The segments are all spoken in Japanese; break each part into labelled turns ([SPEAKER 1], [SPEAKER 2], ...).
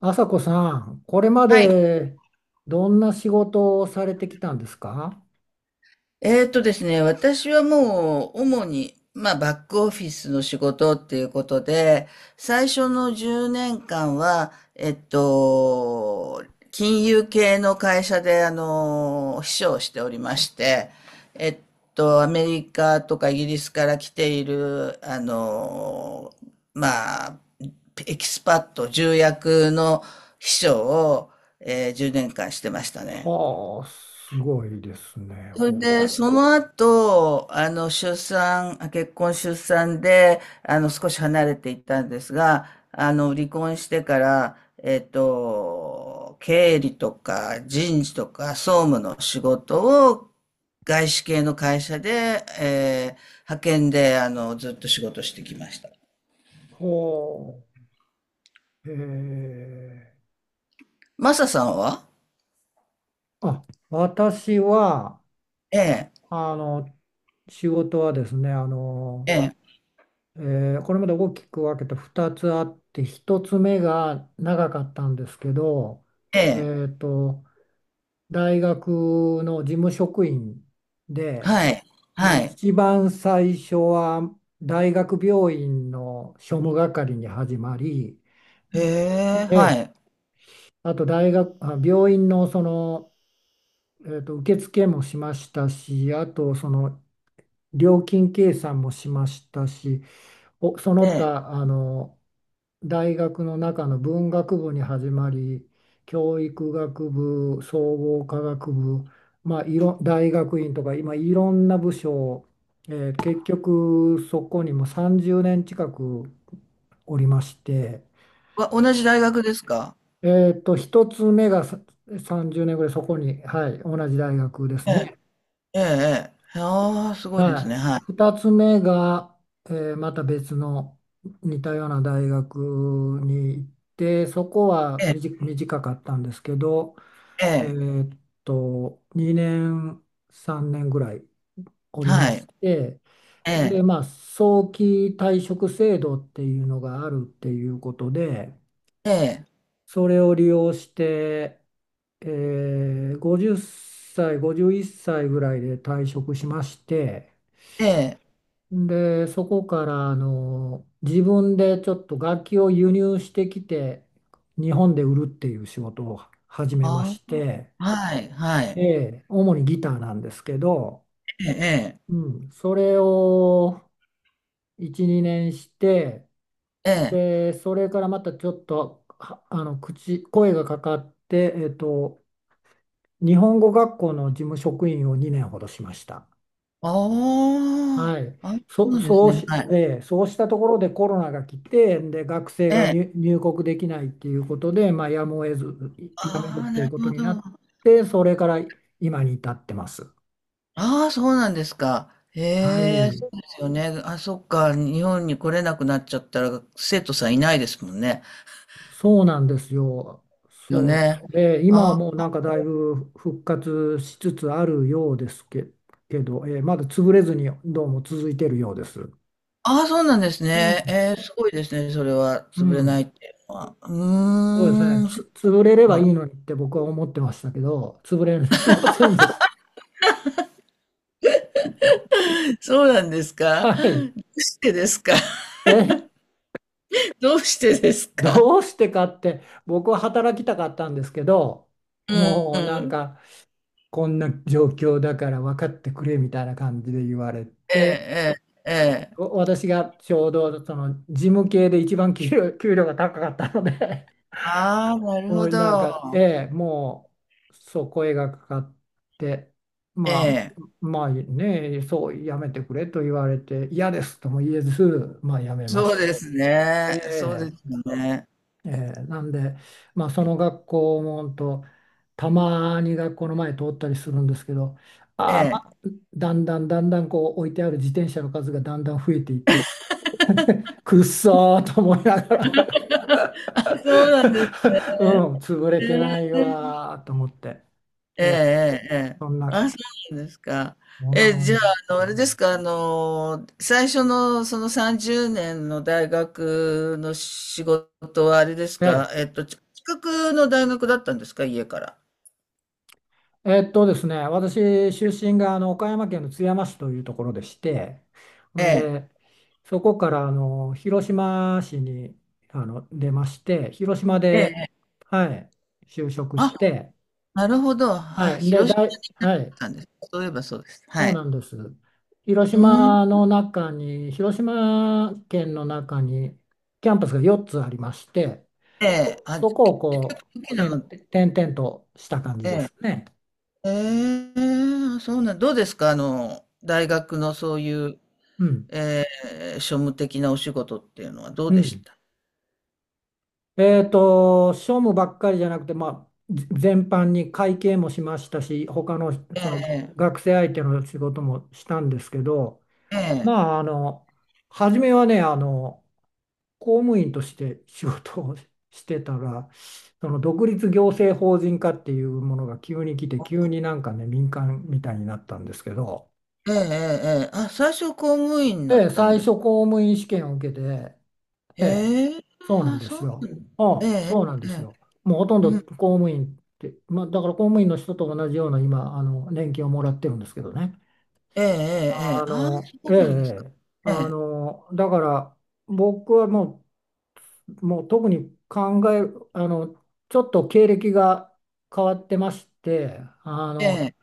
[SPEAKER 1] 朝子さん、これま
[SPEAKER 2] はい。
[SPEAKER 1] でどんな仕事をされてきたんですか？
[SPEAKER 2] えーとですね、私はもう主に、まあ、バックオフィスの仕事っていうことで、最初の10年間は、金融系の会社で、秘書をしておりまして、えっアメリカとかイギリスから来ている、まあ、エキスパット、重役の秘書を、10年間してましたね。
[SPEAKER 1] はあ、すごいですね。
[SPEAKER 2] それ
[SPEAKER 1] ほう。
[SPEAKER 2] で、その後、出産、結婚出産で、少し離れていったんですが、離婚してから、経理とか人事とか総務の仕事を外資系の会社で、派遣で、ずっと仕事してきました。
[SPEAKER 1] ほう。
[SPEAKER 2] マサさんは？
[SPEAKER 1] あ、私は、
[SPEAKER 2] ええ、
[SPEAKER 1] あの、仕事はですね、
[SPEAKER 2] ええ、
[SPEAKER 1] えこれまで大きく分けて2つあって、1つ目が長かったんですけど、
[SPEAKER 2] ええ、
[SPEAKER 1] えっと、大学の事務職員で、
[SPEAKER 2] はい、
[SPEAKER 1] まあ、
[SPEAKER 2] はい。
[SPEAKER 1] 一番最初は大学病院の庶務係に始まり、
[SPEAKER 2] へえ、
[SPEAKER 1] え
[SPEAKER 2] は
[SPEAKER 1] え、
[SPEAKER 2] い。
[SPEAKER 1] あと大学、あ、病院のその、受付もしましたし、あとその料金計算もしましたし、そ
[SPEAKER 2] え
[SPEAKER 1] の
[SPEAKER 2] え。
[SPEAKER 1] 他、大学の中の文学部に始まり教育学部総合科学部、まあ、大学院とか今いろんな部署、結局そこにもう30年近くおりまして、
[SPEAKER 2] 同じ大学ですか？
[SPEAKER 1] 一つ目がさ30年ぐらいそこに、はい、同じ大学ですね。
[SPEAKER 2] ええええ。ああ、すごいです
[SPEAKER 1] は
[SPEAKER 2] ね。
[SPEAKER 1] い。
[SPEAKER 2] はい。
[SPEAKER 1] 2つ目が、また別の似たような大学に行って、そこは
[SPEAKER 2] ええ、
[SPEAKER 1] 短かったんですけど、
[SPEAKER 2] え
[SPEAKER 1] え
[SPEAKER 2] え、
[SPEAKER 1] ーっ2年、3年ぐらいおりま
[SPEAKER 2] はい。
[SPEAKER 1] して、
[SPEAKER 2] ええ、
[SPEAKER 1] で、まあ、早期退職制度っていうのがあるっていうことで、
[SPEAKER 2] ええ、
[SPEAKER 1] それを利用して、50歳、51歳ぐらいで退職しまして、
[SPEAKER 2] ええ。
[SPEAKER 1] で、そこから自分でちょっと楽器を輸入してきて日本で売るっていう仕事を始めま
[SPEAKER 2] あ
[SPEAKER 1] して、
[SPEAKER 2] あ、はい、は
[SPEAKER 1] え
[SPEAKER 2] い。
[SPEAKER 1] え、主にギターなんですけど、
[SPEAKER 2] ええ、
[SPEAKER 1] うん、それを1、2年して、
[SPEAKER 2] ええ、ええ。
[SPEAKER 1] で、それからまたちょっとはあの声がかかって、日本語学校の事務職員を2年ほどしました。
[SPEAKER 2] あ
[SPEAKER 1] はい、
[SPEAKER 2] あ、あ、そう
[SPEAKER 1] そ、
[SPEAKER 2] なんです
[SPEAKER 1] そう
[SPEAKER 2] ね。
[SPEAKER 1] し、
[SPEAKER 2] はい。
[SPEAKER 1] で、そうしたところでコロナが来て、で、学生
[SPEAKER 2] え
[SPEAKER 1] が
[SPEAKER 2] え。
[SPEAKER 1] 入国できないっていうことで、まあ、やむを得ず、やめるっ
[SPEAKER 2] ああ、
[SPEAKER 1] てい
[SPEAKER 2] な
[SPEAKER 1] う
[SPEAKER 2] る
[SPEAKER 1] こと
[SPEAKER 2] ほ
[SPEAKER 1] にな
[SPEAKER 2] ど。
[SPEAKER 1] って、それから今に至ってます。
[SPEAKER 2] ああ、そうなんですか。へ
[SPEAKER 1] は
[SPEAKER 2] え、
[SPEAKER 1] い、
[SPEAKER 2] そうですよね。あ、そっか。日本に来れなくなっちゃったら、生徒さんいないですもんね。
[SPEAKER 1] そうなんですよ。
[SPEAKER 2] よ
[SPEAKER 1] そう。
[SPEAKER 2] ね。
[SPEAKER 1] で、今は
[SPEAKER 2] あ
[SPEAKER 1] もう
[SPEAKER 2] ー
[SPEAKER 1] なんかだいぶ復活しつつあるようですけど、まだ潰れずにどうも続いてるようです。う
[SPEAKER 2] あー、そうなんですね。
[SPEAKER 1] ん。
[SPEAKER 2] えー、すごいですね。それは、
[SPEAKER 1] う
[SPEAKER 2] 潰れな
[SPEAKER 1] ん
[SPEAKER 2] いっていうのは。う
[SPEAKER 1] そうですね、
[SPEAKER 2] ーん。
[SPEAKER 1] 潰れればい
[SPEAKER 2] あ、
[SPEAKER 1] いのにって僕は思ってましたけど、潰れませんでし
[SPEAKER 2] そうなんです
[SPEAKER 1] た。
[SPEAKER 2] か？ど
[SPEAKER 1] はい。
[SPEAKER 2] うしてですか？
[SPEAKER 1] え、
[SPEAKER 2] どうしてですか？
[SPEAKER 1] どうしてかって、僕は働きたかったんですけど、
[SPEAKER 2] う
[SPEAKER 1] もうなん
[SPEAKER 2] ん。
[SPEAKER 1] か、こんな状況だから分かってくれみたいな感じで言われ
[SPEAKER 2] え
[SPEAKER 1] て、
[SPEAKER 2] え、ええ、ええ。
[SPEAKER 1] 私がちょうどその事務系で一番給料が高かったので
[SPEAKER 2] ああ、なる
[SPEAKER 1] も
[SPEAKER 2] ほ
[SPEAKER 1] うなんか、え
[SPEAKER 2] ど。
[SPEAKER 1] え、もう、そう、声がかかって、
[SPEAKER 2] え
[SPEAKER 1] まあ、
[SPEAKER 2] え。
[SPEAKER 1] まあね、そう、やめてくれと言われて、嫌ですとも言えず、まあ、やめま
[SPEAKER 2] そう
[SPEAKER 1] し
[SPEAKER 2] です
[SPEAKER 1] て、
[SPEAKER 2] ね。そうで
[SPEAKER 1] え
[SPEAKER 2] すよね。
[SPEAKER 1] え、なんで、まあ、その学校もほんとたまに学校の前通ったりするんですけど、
[SPEAKER 2] え
[SPEAKER 1] ああ、ま
[SPEAKER 2] え。
[SPEAKER 1] あ、だんだんだんだんこう置いてある自転車の数がだんだん増えていって、くっそーと思いながら
[SPEAKER 2] そうなんですね。
[SPEAKER 1] うん、潰れ
[SPEAKER 2] え
[SPEAKER 1] てない
[SPEAKER 2] え
[SPEAKER 1] わーと思って。
[SPEAKER 2] え
[SPEAKER 1] ええ、
[SPEAKER 2] えええええ。
[SPEAKER 1] そんな、
[SPEAKER 2] あ、そうなんですか。
[SPEAKER 1] そんな
[SPEAKER 2] え、じ
[SPEAKER 1] 感
[SPEAKER 2] ゃあ、
[SPEAKER 1] じ。
[SPEAKER 2] あの、
[SPEAKER 1] う
[SPEAKER 2] あれです
[SPEAKER 1] ん。
[SPEAKER 2] か、あの、最初のその30年の大学の仕事はあれですか、
[SPEAKER 1] で、
[SPEAKER 2] 近くの大学だったんですか、家から。
[SPEAKER 1] ですね、私、出身が岡山県の津山市というところでして、
[SPEAKER 2] え
[SPEAKER 1] ん
[SPEAKER 2] え、
[SPEAKER 1] で、そこから広島市に出まして、広島
[SPEAKER 2] ええ、
[SPEAKER 1] で、
[SPEAKER 2] ええ
[SPEAKER 1] はい、就職
[SPEAKER 2] あ、
[SPEAKER 1] して、
[SPEAKER 2] なるほど。
[SPEAKER 1] は
[SPEAKER 2] あ、
[SPEAKER 1] い、で、
[SPEAKER 2] 広島に行っ
[SPEAKER 1] はい、
[SPEAKER 2] たんです。そういえばそうです。は
[SPEAKER 1] そうな
[SPEAKER 2] い。
[SPEAKER 1] んです。広
[SPEAKER 2] うん。
[SPEAKER 1] 島の中に、広島県の中にキャンパスが4つありまして、
[SPEAKER 2] ええ、あ、
[SPEAKER 1] そ
[SPEAKER 2] 結
[SPEAKER 1] こをこ
[SPEAKER 2] 構大
[SPEAKER 1] う、
[SPEAKER 2] きな、
[SPEAKER 1] 点々点々とした感じで
[SPEAKER 2] え
[SPEAKER 1] すね。
[SPEAKER 2] え、ええ、そうなん、どうですか、あの、大学のそういう、
[SPEAKER 1] うん。
[SPEAKER 2] ええ、庶務的なお仕事っていうのはどう
[SPEAKER 1] う
[SPEAKER 2] でし
[SPEAKER 1] ん。
[SPEAKER 2] た？
[SPEAKER 1] 庶務ばっかりじゃなくて、まあ、全般に会計もしましたし、他のその
[SPEAKER 2] ええ
[SPEAKER 1] 学生相手の仕事もしたんですけど、
[SPEAKER 2] ええ。
[SPEAKER 1] まあ、初めはね、公務員として仕事をしてたら、その独立行政法人化っていうものが急に来て、急になんかね、民間みたいになったんですけど、
[SPEAKER 2] ええええええええあ、最初公務員だ
[SPEAKER 1] で、
[SPEAKER 2] ったん
[SPEAKER 1] 最
[SPEAKER 2] で
[SPEAKER 1] 初
[SPEAKER 2] す。
[SPEAKER 1] 公務員試験を受けて、ええ、
[SPEAKER 2] ええ、
[SPEAKER 1] そうなん
[SPEAKER 2] あ、
[SPEAKER 1] で
[SPEAKER 2] そ
[SPEAKER 1] す
[SPEAKER 2] うな
[SPEAKER 1] よ。
[SPEAKER 2] んだ。
[SPEAKER 1] あ
[SPEAKER 2] え
[SPEAKER 1] あ、
[SPEAKER 2] え
[SPEAKER 1] そうなんで
[SPEAKER 2] え
[SPEAKER 1] す
[SPEAKER 2] え。
[SPEAKER 1] よ。もうほとんど
[SPEAKER 2] うん。
[SPEAKER 1] 公務員って、まあ、だから公務員の人と同じような今、年金をもらってるんですけどね。
[SPEAKER 2] ええええええ。ああ、そ
[SPEAKER 1] ええ、
[SPEAKER 2] うなんですか。
[SPEAKER 1] ええ
[SPEAKER 2] ええ、
[SPEAKER 1] だから僕はもう特に考え、あの、ちょっと経歴が変わってまして、
[SPEAKER 2] ええ、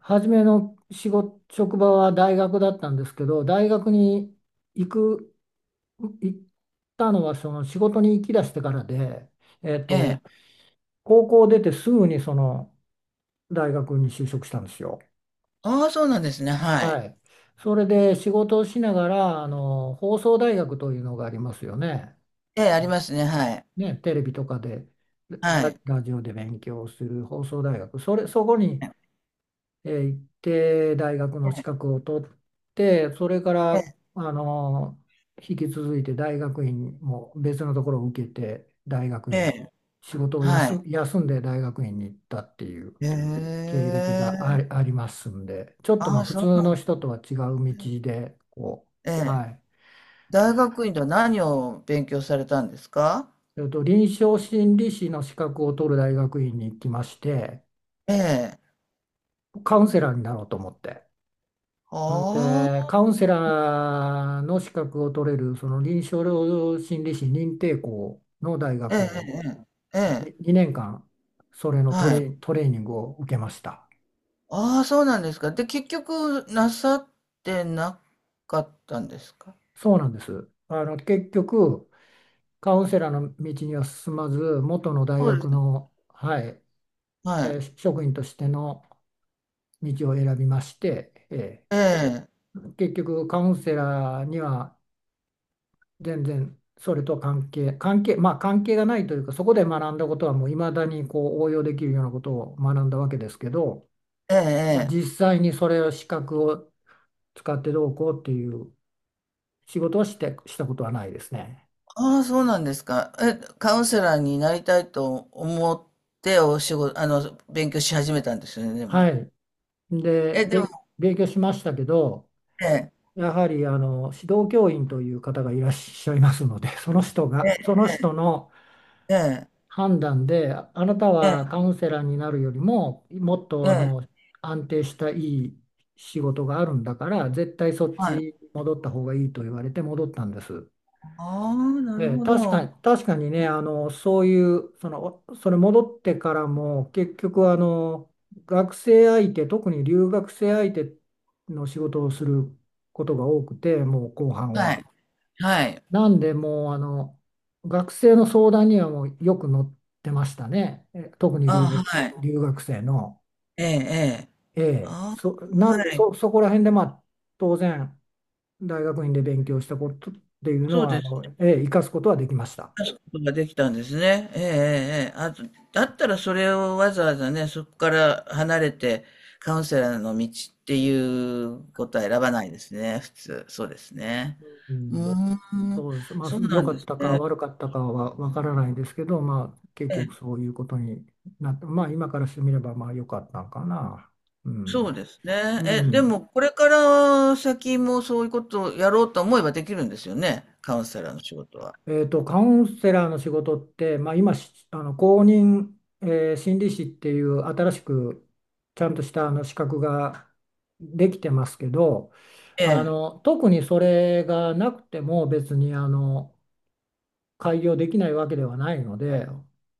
[SPEAKER 1] 初めの仕事、職場は大学だったんですけど、大学に行く、行ったのはその仕事に行き出してからで、えっ
[SPEAKER 2] え
[SPEAKER 1] と、
[SPEAKER 2] え。
[SPEAKER 1] 高校出てすぐにその大学に就職したんですよ。
[SPEAKER 2] ああ、そうなんですね、は
[SPEAKER 1] は
[SPEAKER 2] い。
[SPEAKER 1] い。それで仕事をしながら、放送大学というのがありますよね。
[SPEAKER 2] ええ、ありますね、はい。
[SPEAKER 1] ね、テレビとかで、
[SPEAKER 2] はい。
[SPEAKER 1] ラジオで勉強する放送大学。そこに、
[SPEAKER 2] え
[SPEAKER 1] 行って、大学の資格を取って、それから、
[SPEAKER 2] え、ええ、
[SPEAKER 1] あの、引き続いて大学院も別のところを受けて、大学
[SPEAKER 2] え
[SPEAKER 1] 院、
[SPEAKER 2] え、
[SPEAKER 1] 仕事を
[SPEAKER 2] はい。
[SPEAKER 1] 休んで大学院に行ったっていう。
[SPEAKER 2] へ
[SPEAKER 1] 経歴が
[SPEAKER 2] え。
[SPEAKER 1] ありますんで、ちょっとま
[SPEAKER 2] あ
[SPEAKER 1] あ
[SPEAKER 2] あ、
[SPEAKER 1] 普
[SPEAKER 2] そう
[SPEAKER 1] 通
[SPEAKER 2] なん
[SPEAKER 1] の
[SPEAKER 2] で
[SPEAKER 1] 人
[SPEAKER 2] す。
[SPEAKER 1] とは違う道で、こ
[SPEAKER 2] え
[SPEAKER 1] う、は
[SPEAKER 2] え。
[SPEAKER 1] い。
[SPEAKER 2] 大学院では何を勉強されたんですか？
[SPEAKER 1] 臨床心理士の資格を取る大学院に行きまして、
[SPEAKER 2] ええ。
[SPEAKER 1] カウンセラーになろうと思って。ん
[SPEAKER 2] あ
[SPEAKER 1] で、
[SPEAKER 2] あ、
[SPEAKER 1] カウンセラーの資格を取れる、その臨床心理士認定校の大
[SPEAKER 2] ええ
[SPEAKER 1] 学に
[SPEAKER 2] ええええ、
[SPEAKER 1] 2年間、それの
[SPEAKER 2] はい。
[SPEAKER 1] トレーニングを受けました。
[SPEAKER 2] ああ、そうなんですか。で、結局、なさってなかったんですか？
[SPEAKER 1] そうなんです。結局、カウンセラーの道には進まず、元の大
[SPEAKER 2] そうで
[SPEAKER 1] 学
[SPEAKER 2] す。
[SPEAKER 1] の、はい、
[SPEAKER 2] はい。
[SPEAKER 1] 職員としての道を選びまして、
[SPEAKER 2] ええ、
[SPEAKER 1] 結局カウンセラーには全然それと関係、関係、まあ関係がないというか、そこで学んだことはもう未だにこう応用できるようなことを学んだわけですけど、
[SPEAKER 2] ええ、
[SPEAKER 1] まあ、
[SPEAKER 2] ええ。
[SPEAKER 1] 実際にそれを資格を使ってどうこうっていう仕事をして、したことはないですね。
[SPEAKER 2] ああ、そうなんですか。え、カウンセラーになりたいと思って、お仕事、勉強し始めたんですよね、で
[SPEAKER 1] は
[SPEAKER 2] も。
[SPEAKER 1] い。で、
[SPEAKER 2] え、でも、
[SPEAKER 1] 勉強しましたけど、
[SPEAKER 2] ええ、
[SPEAKER 1] やはり指導教員という方がいらっしゃいますので、その人
[SPEAKER 2] え
[SPEAKER 1] が、そ
[SPEAKER 2] え、
[SPEAKER 1] の人の
[SPEAKER 2] ええ、
[SPEAKER 1] 判断で、あなた
[SPEAKER 2] ええ、
[SPEAKER 1] はカウンセラーになるよりも、もっと
[SPEAKER 2] ええ
[SPEAKER 1] 安定したいい仕事があるんだから、絶対そっ
[SPEAKER 2] はい。
[SPEAKER 1] ちに戻った方がいいと言われて戻ったんです。
[SPEAKER 2] ああ、な
[SPEAKER 1] え
[SPEAKER 2] る
[SPEAKER 1] え
[SPEAKER 2] ほ
[SPEAKER 1] 確か
[SPEAKER 2] ど。
[SPEAKER 1] に、確かにね、そういう、その、それ戻ってからも、結局学生相手、特に留学生相手の仕事をすることが多くて、もう後半
[SPEAKER 2] は
[SPEAKER 1] は。
[SPEAKER 2] い、はい。
[SPEAKER 1] なんでもう学生の相談にはもうよく乗ってましたね。特に
[SPEAKER 2] ああ、はい。
[SPEAKER 1] 留学生の。
[SPEAKER 2] ええ、ええ。
[SPEAKER 1] ええ、
[SPEAKER 2] ああ、
[SPEAKER 1] なん
[SPEAKER 2] は
[SPEAKER 1] で
[SPEAKER 2] い。
[SPEAKER 1] そこら辺でまあ当然大学院で勉強したことっていうの
[SPEAKER 2] そう
[SPEAKER 1] は
[SPEAKER 2] です。
[SPEAKER 1] ええ、生かすことはできました。
[SPEAKER 2] 出すことができたんですね。ええ、ええ、ええあと、だったらそれをわざわざね、そこから離れて、カウンセラーの道っていうことは選ばないですね、普通。そうですね。
[SPEAKER 1] う
[SPEAKER 2] うー
[SPEAKER 1] ん、
[SPEAKER 2] ん、
[SPEAKER 1] そうです。まあ
[SPEAKER 2] そうな
[SPEAKER 1] 良
[SPEAKER 2] ん
[SPEAKER 1] か
[SPEAKER 2] で
[SPEAKER 1] っ
[SPEAKER 2] す
[SPEAKER 1] たか
[SPEAKER 2] ね。
[SPEAKER 1] 悪かったかはわからないですけど、まあ結
[SPEAKER 2] え
[SPEAKER 1] 局
[SPEAKER 2] え、
[SPEAKER 1] そういうことになって、まあ今からしてみればまあ良かったのかな。う
[SPEAKER 2] そう
[SPEAKER 1] ん。
[SPEAKER 2] ですね。
[SPEAKER 1] う
[SPEAKER 2] え、で
[SPEAKER 1] ん。
[SPEAKER 2] も、これから先もそういうことをやろうと思えばできるんですよね、カウンセラーの仕事は。
[SPEAKER 1] カウンセラーの仕事って、まあ、公認、心理師っていう新しくちゃんとした資格ができてますけど
[SPEAKER 2] ええ、
[SPEAKER 1] 特にそれがなくても別に開業できないわけではないので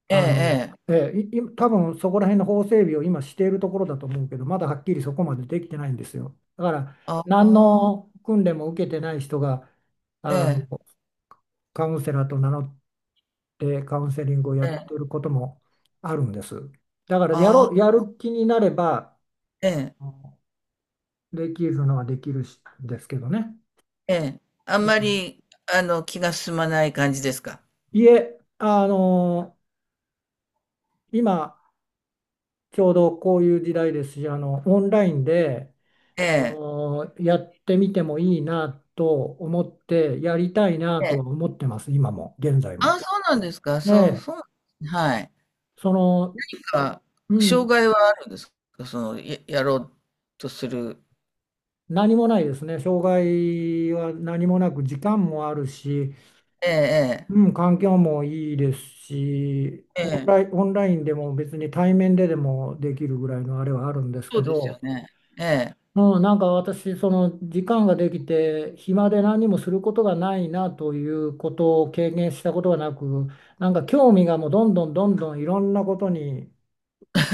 [SPEAKER 2] ええ、
[SPEAKER 1] あの、
[SPEAKER 2] ええ、
[SPEAKER 1] えーいい多分そこら辺の法整備を今しているところだと思うけどまだはっきりそこまでできてないんですよ。だから
[SPEAKER 2] あ
[SPEAKER 1] 何
[SPEAKER 2] あ、
[SPEAKER 1] の訓練も受けてない人が
[SPEAKER 2] え
[SPEAKER 1] あの
[SPEAKER 2] え、
[SPEAKER 1] カウンセラーと名乗ってカウンセリングをや
[SPEAKER 2] え
[SPEAKER 1] って
[SPEAKER 2] え、
[SPEAKER 1] ることもあるんです。だからや
[SPEAKER 2] あ
[SPEAKER 1] ろう、
[SPEAKER 2] あ、
[SPEAKER 1] やる気になれば
[SPEAKER 2] ええ。
[SPEAKER 1] うんできるのはできるしですけどね。
[SPEAKER 2] ええ。あん
[SPEAKER 1] うん、
[SPEAKER 2] まり、気が進まない感じですか？
[SPEAKER 1] いえ、今ちょうどこういう時代ですし、オンラインで
[SPEAKER 2] ええ、
[SPEAKER 1] やってみてもいいなと思ってやりたいな
[SPEAKER 2] え
[SPEAKER 1] と
[SPEAKER 2] え。
[SPEAKER 1] は思ってます、今も現在
[SPEAKER 2] あ
[SPEAKER 1] も。
[SPEAKER 2] あ、そうなんですか。そう、
[SPEAKER 1] え
[SPEAKER 2] そうな
[SPEAKER 1] え
[SPEAKER 2] んですね、はい。
[SPEAKER 1] その、
[SPEAKER 2] なんか、
[SPEAKER 1] う
[SPEAKER 2] 障
[SPEAKER 1] ん、
[SPEAKER 2] 害はあるんですか？その、やろうとする
[SPEAKER 1] 何もないですね。障害は何もなく時間もあるし、
[SPEAKER 2] ええ
[SPEAKER 1] うん、環境もいいですし、
[SPEAKER 2] ええ。ええ。
[SPEAKER 1] オンラインでも別に対面ででもできるぐらいのあれはあるんです
[SPEAKER 2] そ
[SPEAKER 1] け
[SPEAKER 2] うですよ
[SPEAKER 1] ど、
[SPEAKER 2] ね。ええ。
[SPEAKER 1] うん、なんか私、その時間ができて、暇で何もすることがないなということを経験したことがなく、なんか興味がもうどんどんどんどんいろんなことに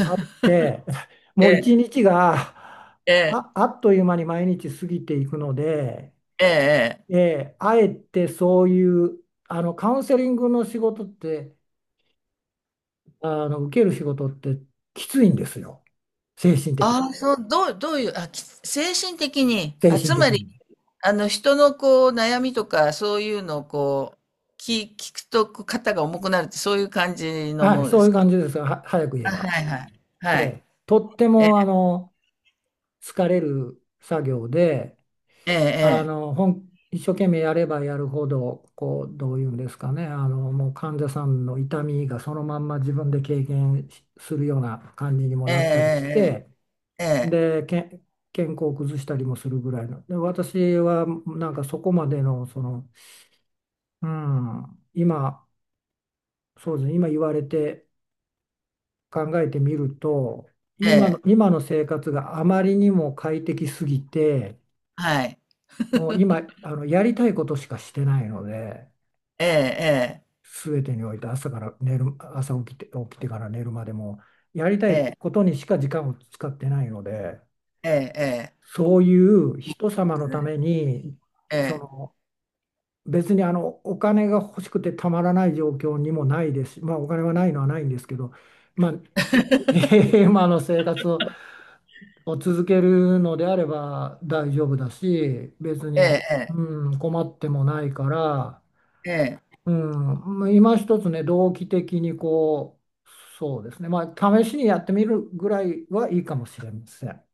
[SPEAKER 1] あって、
[SPEAKER 2] え
[SPEAKER 1] もう一
[SPEAKER 2] え、
[SPEAKER 1] 日が
[SPEAKER 2] ええ、
[SPEAKER 1] あ、あっという間に毎日過ぎていくので、
[SPEAKER 2] ええええ。
[SPEAKER 1] あえてそういう、カウンセリングの仕事って、受ける仕事ってきついんですよ。精神的、
[SPEAKER 2] ああ、そう、どういう、あ、精神的に、
[SPEAKER 1] 精
[SPEAKER 2] あ、
[SPEAKER 1] 神
[SPEAKER 2] つ
[SPEAKER 1] 的
[SPEAKER 2] まり、
[SPEAKER 1] に。
[SPEAKER 2] 人のこう、悩みとか、そういうのをこう、聞くと、こう、肩が重くなるって、そういう感じのも
[SPEAKER 1] はい、
[SPEAKER 2] ので
[SPEAKER 1] そう
[SPEAKER 2] す
[SPEAKER 1] いう
[SPEAKER 2] か？
[SPEAKER 1] 感じですは、早く言え
[SPEAKER 2] あ、
[SPEAKER 1] ば。
[SPEAKER 2] はいはい。
[SPEAKER 1] え
[SPEAKER 2] はい。
[SPEAKER 1] え、とって
[SPEAKER 2] え、
[SPEAKER 1] も、疲れる作業で、
[SPEAKER 2] ええ
[SPEAKER 1] 一生懸命やればやるほど、こう、どういうんですかね、もう患者さんの痛みがそのまんま自分で経験しするような感じにも
[SPEAKER 2] ええ、
[SPEAKER 1] なったりして、
[SPEAKER 2] ええええ、
[SPEAKER 1] で、健康を崩したりもするぐらいの。で、私はなんかそこまでの、その、うん、今、そうですね、今言われて考えてみると、
[SPEAKER 2] ええ、ええ、
[SPEAKER 1] 今の生活があまりにも快適すぎて、
[SPEAKER 2] はい。
[SPEAKER 1] もう今、やりたいことしかしてないので、
[SPEAKER 2] ええ
[SPEAKER 1] 全てにおいて朝から寝る、朝起きて、起きてから寝るまでも、やりた
[SPEAKER 2] ええ、え
[SPEAKER 1] い
[SPEAKER 2] え、
[SPEAKER 1] ことにしか時間を使ってないので、
[SPEAKER 2] ええ、ええ、
[SPEAKER 1] そういう
[SPEAKER 2] いいで
[SPEAKER 1] 人様の
[SPEAKER 2] す
[SPEAKER 1] た
[SPEAKER 2] ね。
[SPEAKER 1] めに、
[SPEAKER 2] え
[SPEAKER 1] そ
[SPEAKER 2] え、
[SPEAKER 1] の、別にお金が欲しくてたまらない状況にもないですし、まあお金はないのはないんですけど、まあ、今の生活を続けるのであれば大丈夫だし、別
[SPEAKER 2] え
[SPEAKER 1] に、
[SPEAKER 2] え、
[SPEAKER 1] うん、困ってもないから、
[SPEAKER 2] ええ、
[SPEAKER 1] うん、まあ今一つね、動機的にこう、そうですね、まあ、試しにやってみるぐらいはいいかもしれません。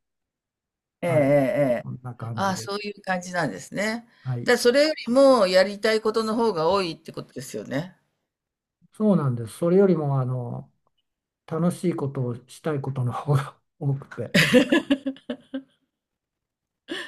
[SPEAKER 2] ええ、ええ、
[SPEAKER 1] はい、
[SPEAKER 2] ええ。
[SPEAKER 1] こんな感じ
[SPEAKER 2] あ、
[SPEAKER 1] で。
[SPEAKER 2] そういう感じなんですね。
[SPEAKER 1] はい、
[SPEAKER 2] それよりもやりたいことの方が多いってことですよね。
[SPEAKER 1] そうなんです。それよりも、楽しいことをしたいことの方が多くて。